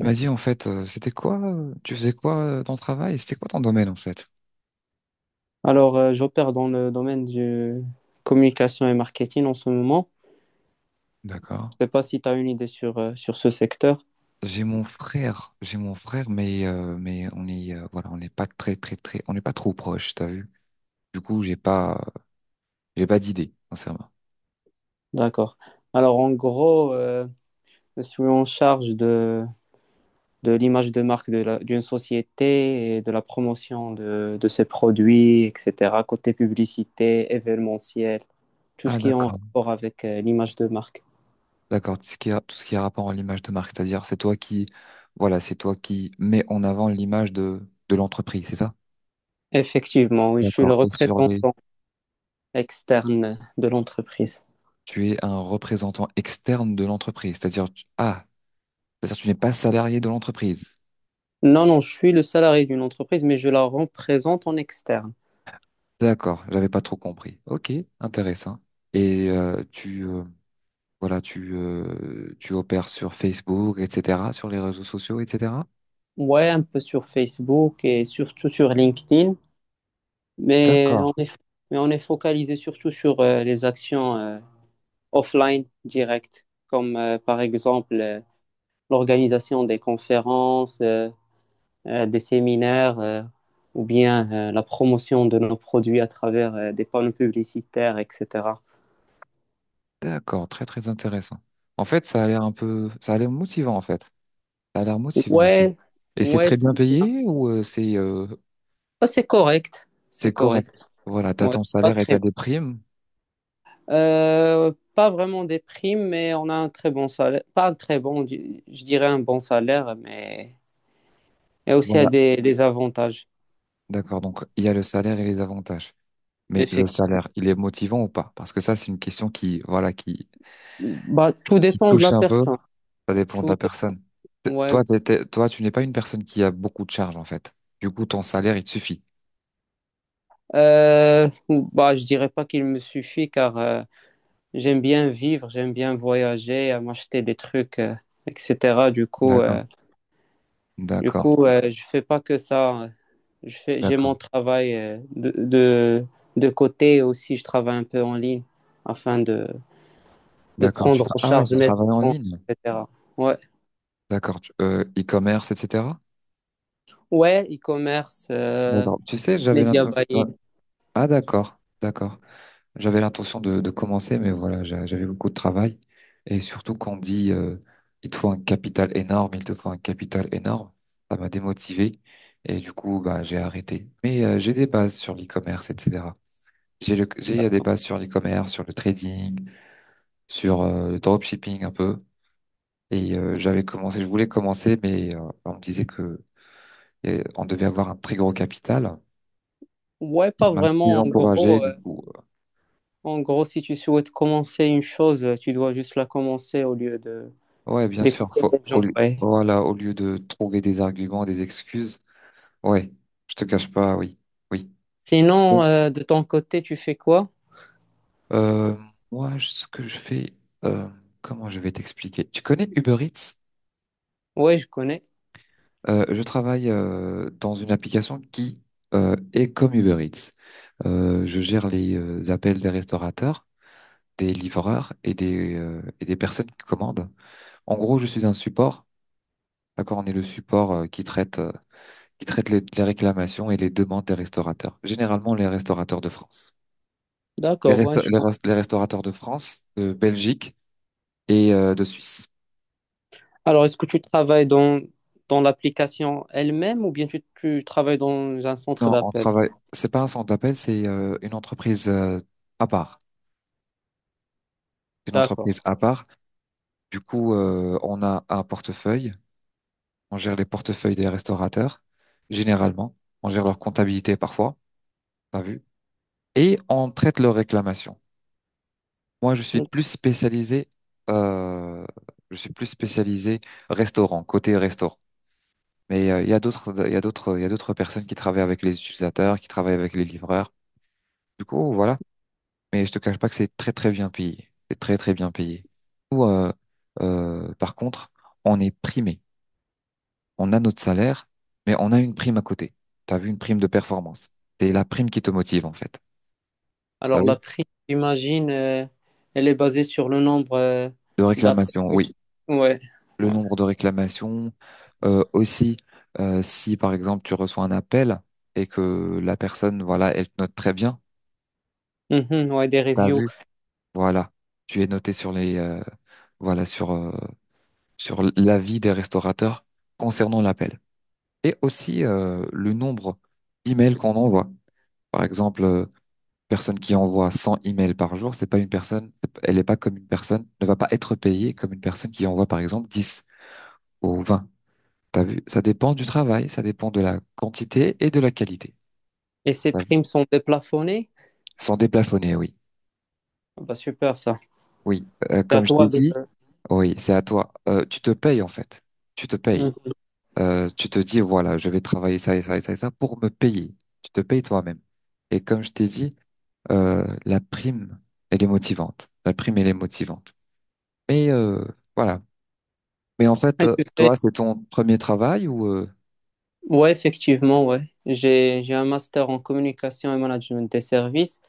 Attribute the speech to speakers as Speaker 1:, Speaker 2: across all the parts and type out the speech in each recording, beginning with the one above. Speaker 1: Il m'a dit, en fait, c'était quoi, tu faisais quoi dans le travail? C'était quoi ton domaine, en fait?
Speaker 2: J'opère dans le domaine du communication et marketing en ce moment.
Speaker 1: D'accord.
Speaker 2: Je ne sais pas si tu as une idée sur ce secteur.
Speaker 1: J'ai mon frère, mais on est, voilà, on n'est pas très, on n'est pas trop proche, t'as vu? Du coup, j'ai pas d'idée, sincèrement.
Speaker 2: D'accord. Alors, en gros, je suis en charge de l'image de marque d'une société et de la promotion de ses produits, etc. Côté publicité, événementiel, tout ce
Speaker 1: Ah,
Speaker 2: qui est en
Speaker 1: d'accord.
Speaker 2: rapport avec l'image de marque.
Speaker 1: D'accord. Tout ce qui a rapport à l'image de marque, c'est-à-dire, voilà, c'est toi qui mets en avant l'image de l'entreprise, c'est ça?
Speaker 2: Effectivement, oui, je suis le
Speaker 1: D'accord.
Speaker 2: représentant externe de l'entreprise.
Speaker 1: Tu es un représentant externe de l'entreprise, c'est-à-dire, tu n'es pas salarié de l'entreprise.
Speaker 2: Non, non, je suis le salarié d'une entreprise, mais je la représente en externe.
Speaker 1: D'accord, j'avais pas trop compris. Ok, intéressant. Et tu voilà, tu tu opères sur Facebook, etc., sur les réseaux sociaux, etc.
Speaker 2: Ouais, un peu sur Facebook et surtout sur LinkedIn, mais
Speaker 1: D'accord.
Speaker 2: on est, mais on est focalisé surtout sur les actions offline directes, comme par exemple l'organisation des conférences, des séminaires, ou bien la promotion de nos produits à travers des panneaux publicitaires, etc.
Speaker 1: D'accord, très très intéressant. En fait, ça a l'air motivant en fait. Ça a l'air motivant aussi.
Speaker 2: Ouais,
Speaker 1: Et c'est
Speaker 2: ouais,
Speaker 1: très
Speaker 2: c'est
Speaker 1: bien
Speaker 2: bien.
Speaker 1: payé ou
Speaker 2: Ah, C'est correct, c'est
Speaker 1: c'est correct?
Speaker 2: correct.
Speaker 1: Voilà, t'as
Speaker 2: Ouais,
Speaker 1: ton
Speaker 2: c'est pas
Speaker 1: salaire et t'as
Speaker 2: très
Speaker 1: des primes.
Speaker 2: Pas vraiment des primes, mais on a un très bon salaire. Pas un très bon, je dirais un bon salaire, mais il y a aussi
Speaker 1: Voilà.
Speaker 2: des avantages,
Speaker 1: D'accord, donc il y a le salaire et les avantages. Mais le
Speaker 2: effectivement.
Speaker 1: salaire, il est motivant ou pas? Parce que ça, c'est une question qui
Speaker 2: Bah, tout
Speaker 1: qui
Speaker 2: dépend de
Speaker 1: touche
Speaker 2: la
Speaker 1: un peu.
Speaker 2: personne.
Speaker 1: Ça dépend de
Speaker 2: Tout
Speaker 1: la
Speaker 2: dé-
Speaker 1: personne. T-
Speaker 2: ouais.
Speaker 1: Toi, t'es- t'es- toi, tu n'es pas une personne qui a beaucoup de charges, en fait. Du coup, ton salaire, il te suffit.
Speaker 2: Bah, je dirais pas qu'il me suffit car j'aime bien vivre, j'aime bien voyager, m'acheter des trucs, etc. Du coup,
Speaker 1: D'accord,
Speaker 2: euh, du
Speaker 1: d'accord,
Speaker 2: coup, euh, je fais pas que ça, hein. J'ai
Speaker 1: d'accord,
Speaker 2: mon travail de côté et aussi, je travaille un peu en ligne afin de
Speaker 1: d'accord.
Speaker 2: prendre en
Speaker 1: Ah ouais,
Speaker 2: charge
Speaker 1: tu
Speaker 2: mes
Speaker 1: travailles en
Speaker 2: dépenses,
Speaker 1: ligne.
Speaker 2: etc. Ouais,
Speaker 1: D'accord, e-commerce, etc.
Speaker 2: ouais, e-commerce,
Speaker 1: D'accord. Tu sais, j'avais
Speaker 2: media buying.
Speaker 1: l'intention. Ah d'accord, d'accord. J'avais l'intention de commencer, mais voilà, j'avais beaucoup de travail. Et surtout, qu'on dit, il te faut un capital énorme, ça m'a démotivé. Et du coup, bah, j'ai arrêté. Mais j'ai des bases sur l'e-commerce, etc. J'ai eu un débat sur l'e-commerce, sur le trading, sur le dropshipping un peu. Et j'avais commencé, je voulais commencer, mais on me disait que on devait avoir un très gros capital.
Speaker 2: Ouais,
Speaker 1: Ça
Speaker 2: pas
Speaker 1: m'a
Speaker 2: vraiment. En
Speaker 1: désencouragé,
Speaker 2: gros,
Speaker 1: du
Speaker 2: euh,
Speaker 1: coup.
Speaker 2: en gros, si tu souhaites commencer une chose, tu dois juste la commencer au lieu de
Speaker 1: Ouais, bien sûr.
Speaker 2: d'écouter les gens. Ouais.
Speaker 1: Voilà, au lieu de trouver des arguments, des excuses. Ouais, je te cache pas, oui, oui. Bon,
Speaker 2: Sinon, de ton côté, tu fais quoi?
Speaker 1: Euh, moi, ce que je fais, euh, comment je vais t'expliquer? Tu connais Uber Eats?
Speaker 2: Ouais, je connais.
Speaker 1: Je travaille dans une application qui est comme Uber Eats. Je gère les appels des restaurateurs, des livreurs et des personnes qui commandent. En gros, je suis un support. D'accord, on est le support qui traite les réclamations et les demandes des restaurateurs. Généralement, les restaurateurs de France.
Speaker 2: D'accord, ouais, je connais.
Speaker 1: Les restaurateurs de France, de Belgique et de Suisse.
Speaker 2: Alors, est-ce que tu travailles dans l'application elle-même ou bien tu travailles dans un centre
Speaker 1: Non, on
Speaker 2: d'appel?
Speaker 1: travaille. C'est pas un centre d'appel, c'est une entreprise à part. C'est une
Speaker 2: D'accord.
Speaker 1: entreprise à part. Du coup, on a un portefeuille. On gère les portefeuilles des restaurateurs, généralement. On gère leur comptabilité parfois, t'as vu. Et on traite leurs réclamations. Moi, je suis plus spécialisé, euh, je suis plus spécialisé restaurant, côté restaurant. Mais il y a d'autres personnes qui travaillent avec les utilisateurs, qui travaillent avec les livreurs. Du coup, voilà. Mais je te cache pas que c'est très très bien payé. C'est très très bien payé. Nous, par contre, on est primé. On a notre salaire, mais on a une prime à côté. T'as vu une prime de performance. C'est la prime qui te motive, en fait. T'as
Speaker 2: Alors,
Speaker 1: vu?
Speaker 2: la prime, j'imagine, elle est basée sur le nombre
Speaker 1: De
Speaker 2: d'appels
Speaker 1: réclamation,
Speaker 2: que
Speaker 1: oui.
Speaker 2: tu... Ouais.
Speaker 1: Le
Speaker 2: Ouais.
Speaker 1: nombre de réclamations, aussi, si par exemple tu reçois un appel et que la personne, voilà, elle te note très bien.
Speaker 2: Mhm, ouais, des
Speaker 1: T'as
Speaker 2: reviews.
Speaker 1: vu? Voilà. Tu es noté sur voilà, sur l'avis des restaurateurs concernant l'appel. Et aussi, le nombre d'emails qu'on envoie. Par exemple, personne qui envoie 100 emails par jour, c'est pas une personne, elle est pas comme une personne, ne va pas être payée comme une personne qui envoie par exemple 10 ou 20. T'as vu? Ça dépend du travail, ça dépend de la quantité et de la qualité.
Speaker 2: Et ces
Speaker 1: T'as vu.
Speaker 2: primes sont déplafonnées?
Speaker 1: Ils sont déplafonnés, oui.
Speaker 2: Ah bah, super, ça.
Speaker 1: Oui,
Speaker 2: C'est à
Speaker 1: comme je t'ai
Speaker 2: toi de...
Speaker 1: dit, oui, c'est à toi. Tu te payes en fait. Tu te payes.
Speaker 2: Mhm.
Speaker 1: Tu te dis, voilà, je vais travailler ça et ça et ça et ça pour me payer. Tu te payes toi-même. Et comme je t'ai dit, la prime, elle est motivante. La prime, elle est motivante. Mais voilà, mais en fait,
Speaker 2: Et tu fais-
Speaker 1: toi, c'est ton premier travail ou
Speaker 2: Ouais, effectivement, ouais. J'ai un master en communication et management des services.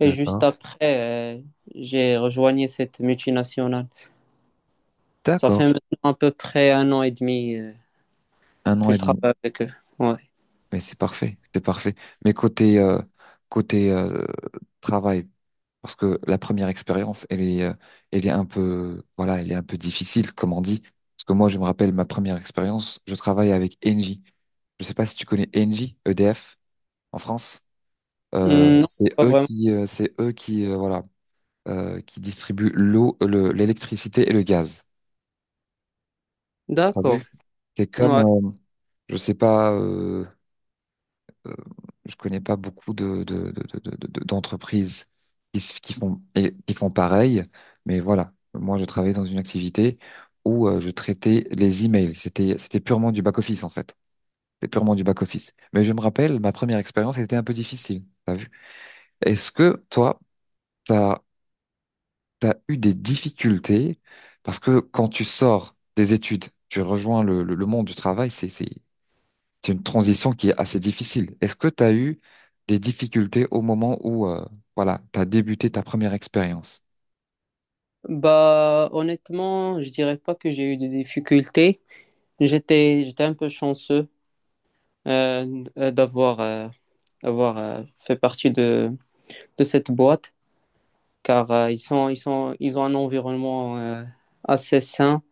Speaker 2: Et juste
Speaker 1: D'accord.
Speaker 2: après, j'ai rejoigné cette multinationale. Ça
Speaker 1: D'accord.
Speaker 2: fait maintenant à peu près un an et demi
Speaker 1: Un an
Speaker 2: que
Speaker 1: et
Speaker 2: je
Speaker 1: demi.
Speaker 2: travaille avec eux. Ouais.
Speaker 1: Mais c'est parfait. C'est parfait. Mais côté côté travail, parce que la première expérience, elle est un peu voilà, elle est un peu difficile, comme on dit. Parce que moi, je me rappelle ma première expérience, je travaille avec Engie. Je sais pas si tu connais Engie, EDF en France.
Speaker 2: Non, pas vraiment.
Speaker 1: C'est eux qui voilà qui distribuent l'eau, l'électricité et le gaz. T'as
Speaker 2: D'accord.
Speaker 1: vu? C'est comme
Speaker 2: Ouais.
Speaker 1: Je sais pas, euh, je connais pas beaucoup de, d'entreprises qui, qui font, et, qui font pareil, mais voilà. Moi, je travaillais dans une activité où je traitais les emails. C'était purement du back-office, en fait. C'était purement du back-office. Mais je me rappelle, ma première expérience était un peu difficile. T'as vu? Est-ce que toi, t'as, t'as eu des difficultés? Parce que quand tu sors des études, tu rejoins le monde du travail, c'est une transition qui est assez difficile. Est-ce que tu as eu des difficultés au moment où voilà, tu as débuté ta première expérience?
Speaker 2: Bah, honnêtement, je dirais pas que j'ai eu des difficultés. J'étais un peu chanceux d'avoir fait partie de cette boîte, car ils ont un environnement assez sain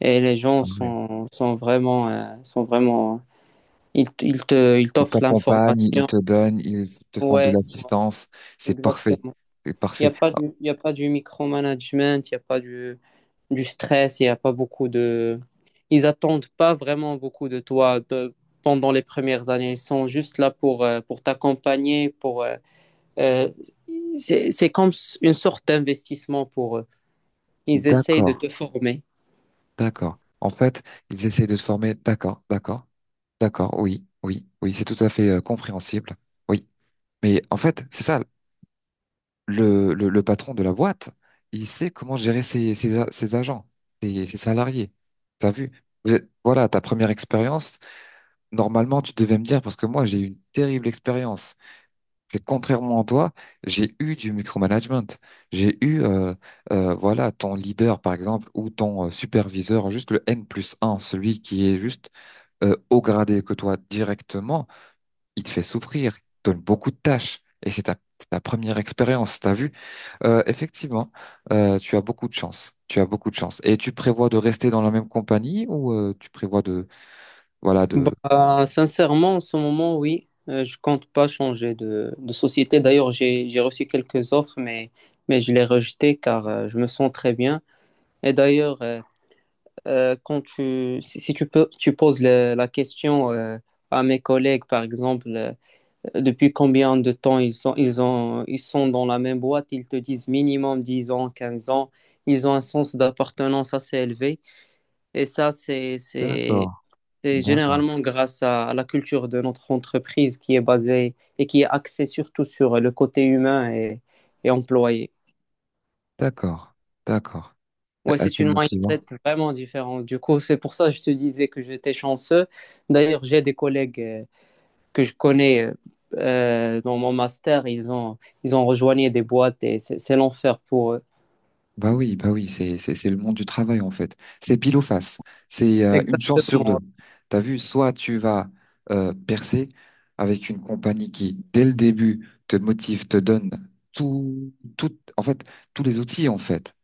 Speaker 2: et les gens
Speaker 1: Ah ouais.
Speaker 2: sont vraiment, ils
Speaker 1: Ils
Speaker 2: t'offrent
Speaker 1: t'accompagnent, ils
Speaker 2: l'information.
Speaker 1: te donnent, ils te font de
Speaker 2: Ouais,
Speaker 1: l'assistance. C'est parfait.
Speaker 2: exactement.
Speaker 1: C'est parfait. Ah,
Speaker 2: Il y a pas du micromanagement, il n'y a pas du stress, il n'y a pas beaucoup de... Ils attendent pas vraiment beaucoup de toi pendant les premières années. Ils sont juste là pour t'accompagner, pour... euh, c'est, c'est comme une sorte d'investissement pour eux. Ils essayent de
Speaker 1: d'accord,
Speaker 2: te former.
Speaker 1: d'accord. En fait, ils essayent de te former. D'accord, d'accord. Oui, oui, oui, c'est tout à fait compréhensible. Oui. Mais en fait, c'est ça. Le le patron de la boîte, il sait comment gérer ses agents, ses salariés. T'as vu? Voilà, ta première expérience, normalement, tu devais me dire, parce que moi, j'ai eu une terrible expérience. C'est contrairement à toi, j'ai eu du micromanagement. J'ai eu, euh, voilà, ton leader, par exemple, ou ton superviseur, juste le N plus un, celui qui est juste au gradé que toi directement, il te fait souffrir, il te donne beaucoup de tâches. Et c'est ta première expérience, t'as vu? Effectivement, tu as beaucoup de chance. Tu as beaucoup de chance. Et tu prévois de rester dans la même compagnie ou tu prévois de, voilà, de...
Speaker 2: Bah, sincèrement, en ce moment, oui, je compte pas changer de société. D'ailleurs, j'ai reçu quelques offres, mais je les rejetées car je me sens très bien. Et d'ailleurs, quand si, si tu peux, tu poses la question à mes collègues, par exemple, depuis combien de temps ils sont dans la même boîte, ils te disent minimum 10 ans, 15 ans. Ils ont un sens d'appartenance assez élevé. Et ça,
Speaker 1: D'accord,
Speaker 2: c'est
Speaker 1: d'accord,
Speaker 2: généralement grâce à la culture de notre entreprise qui est basée et qui est axée surtout sur le côté humain et employé.
Speaker 1: d'accord, d'accord.
Speaker 2: Ouais,
Speaker 1: C'est
Speaker 2: c'est
Speaker 1: assez
Speaker 2: une mindset
Speaker 1: motivant.
Speaker 2: vraiment différente. Du coup, c'est pour ça que je te disais que j'étais chanceux. D'ailleurs, j'ai des collègues que je connais dans mon master. Ils ont rejoigné des boîtes et c'est l'enfer pour eux.
Speaker 1: Bah oui, c'est le monde du travail en fait. C'est pile ou face. C'est une chance sur deux.
Speaker 2: Exactement.
Speaker 1: T'as vu, soit tu vas percer avec une compagnie qui, dès le début, te motive, te donne tout, tout, en fait, tous les outils en fait.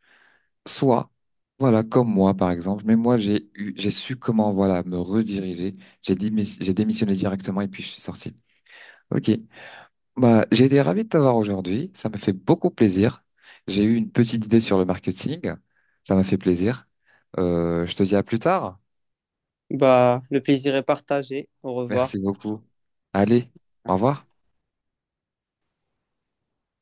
Speaker 1: Soit, voilà, comme moi par exemple. Mais moi, j'ai eu, j'ai su comment voilà me rediriger. J'ai démissionné directement et puis je suis sorti. Ok. Bah, j'ai été ravi de t'avoir aujourd'hui. Ça m'a fait beaucoup plaisir. J'ai eu une petite idée sur le marketing. Ça m'a fait plaisir. Je te dis à plus tard.
Speaker 2: Bah, le plaisir est partagé. Au revoir.
Speaker 1: Merci beaucoup. Allez, au revoir.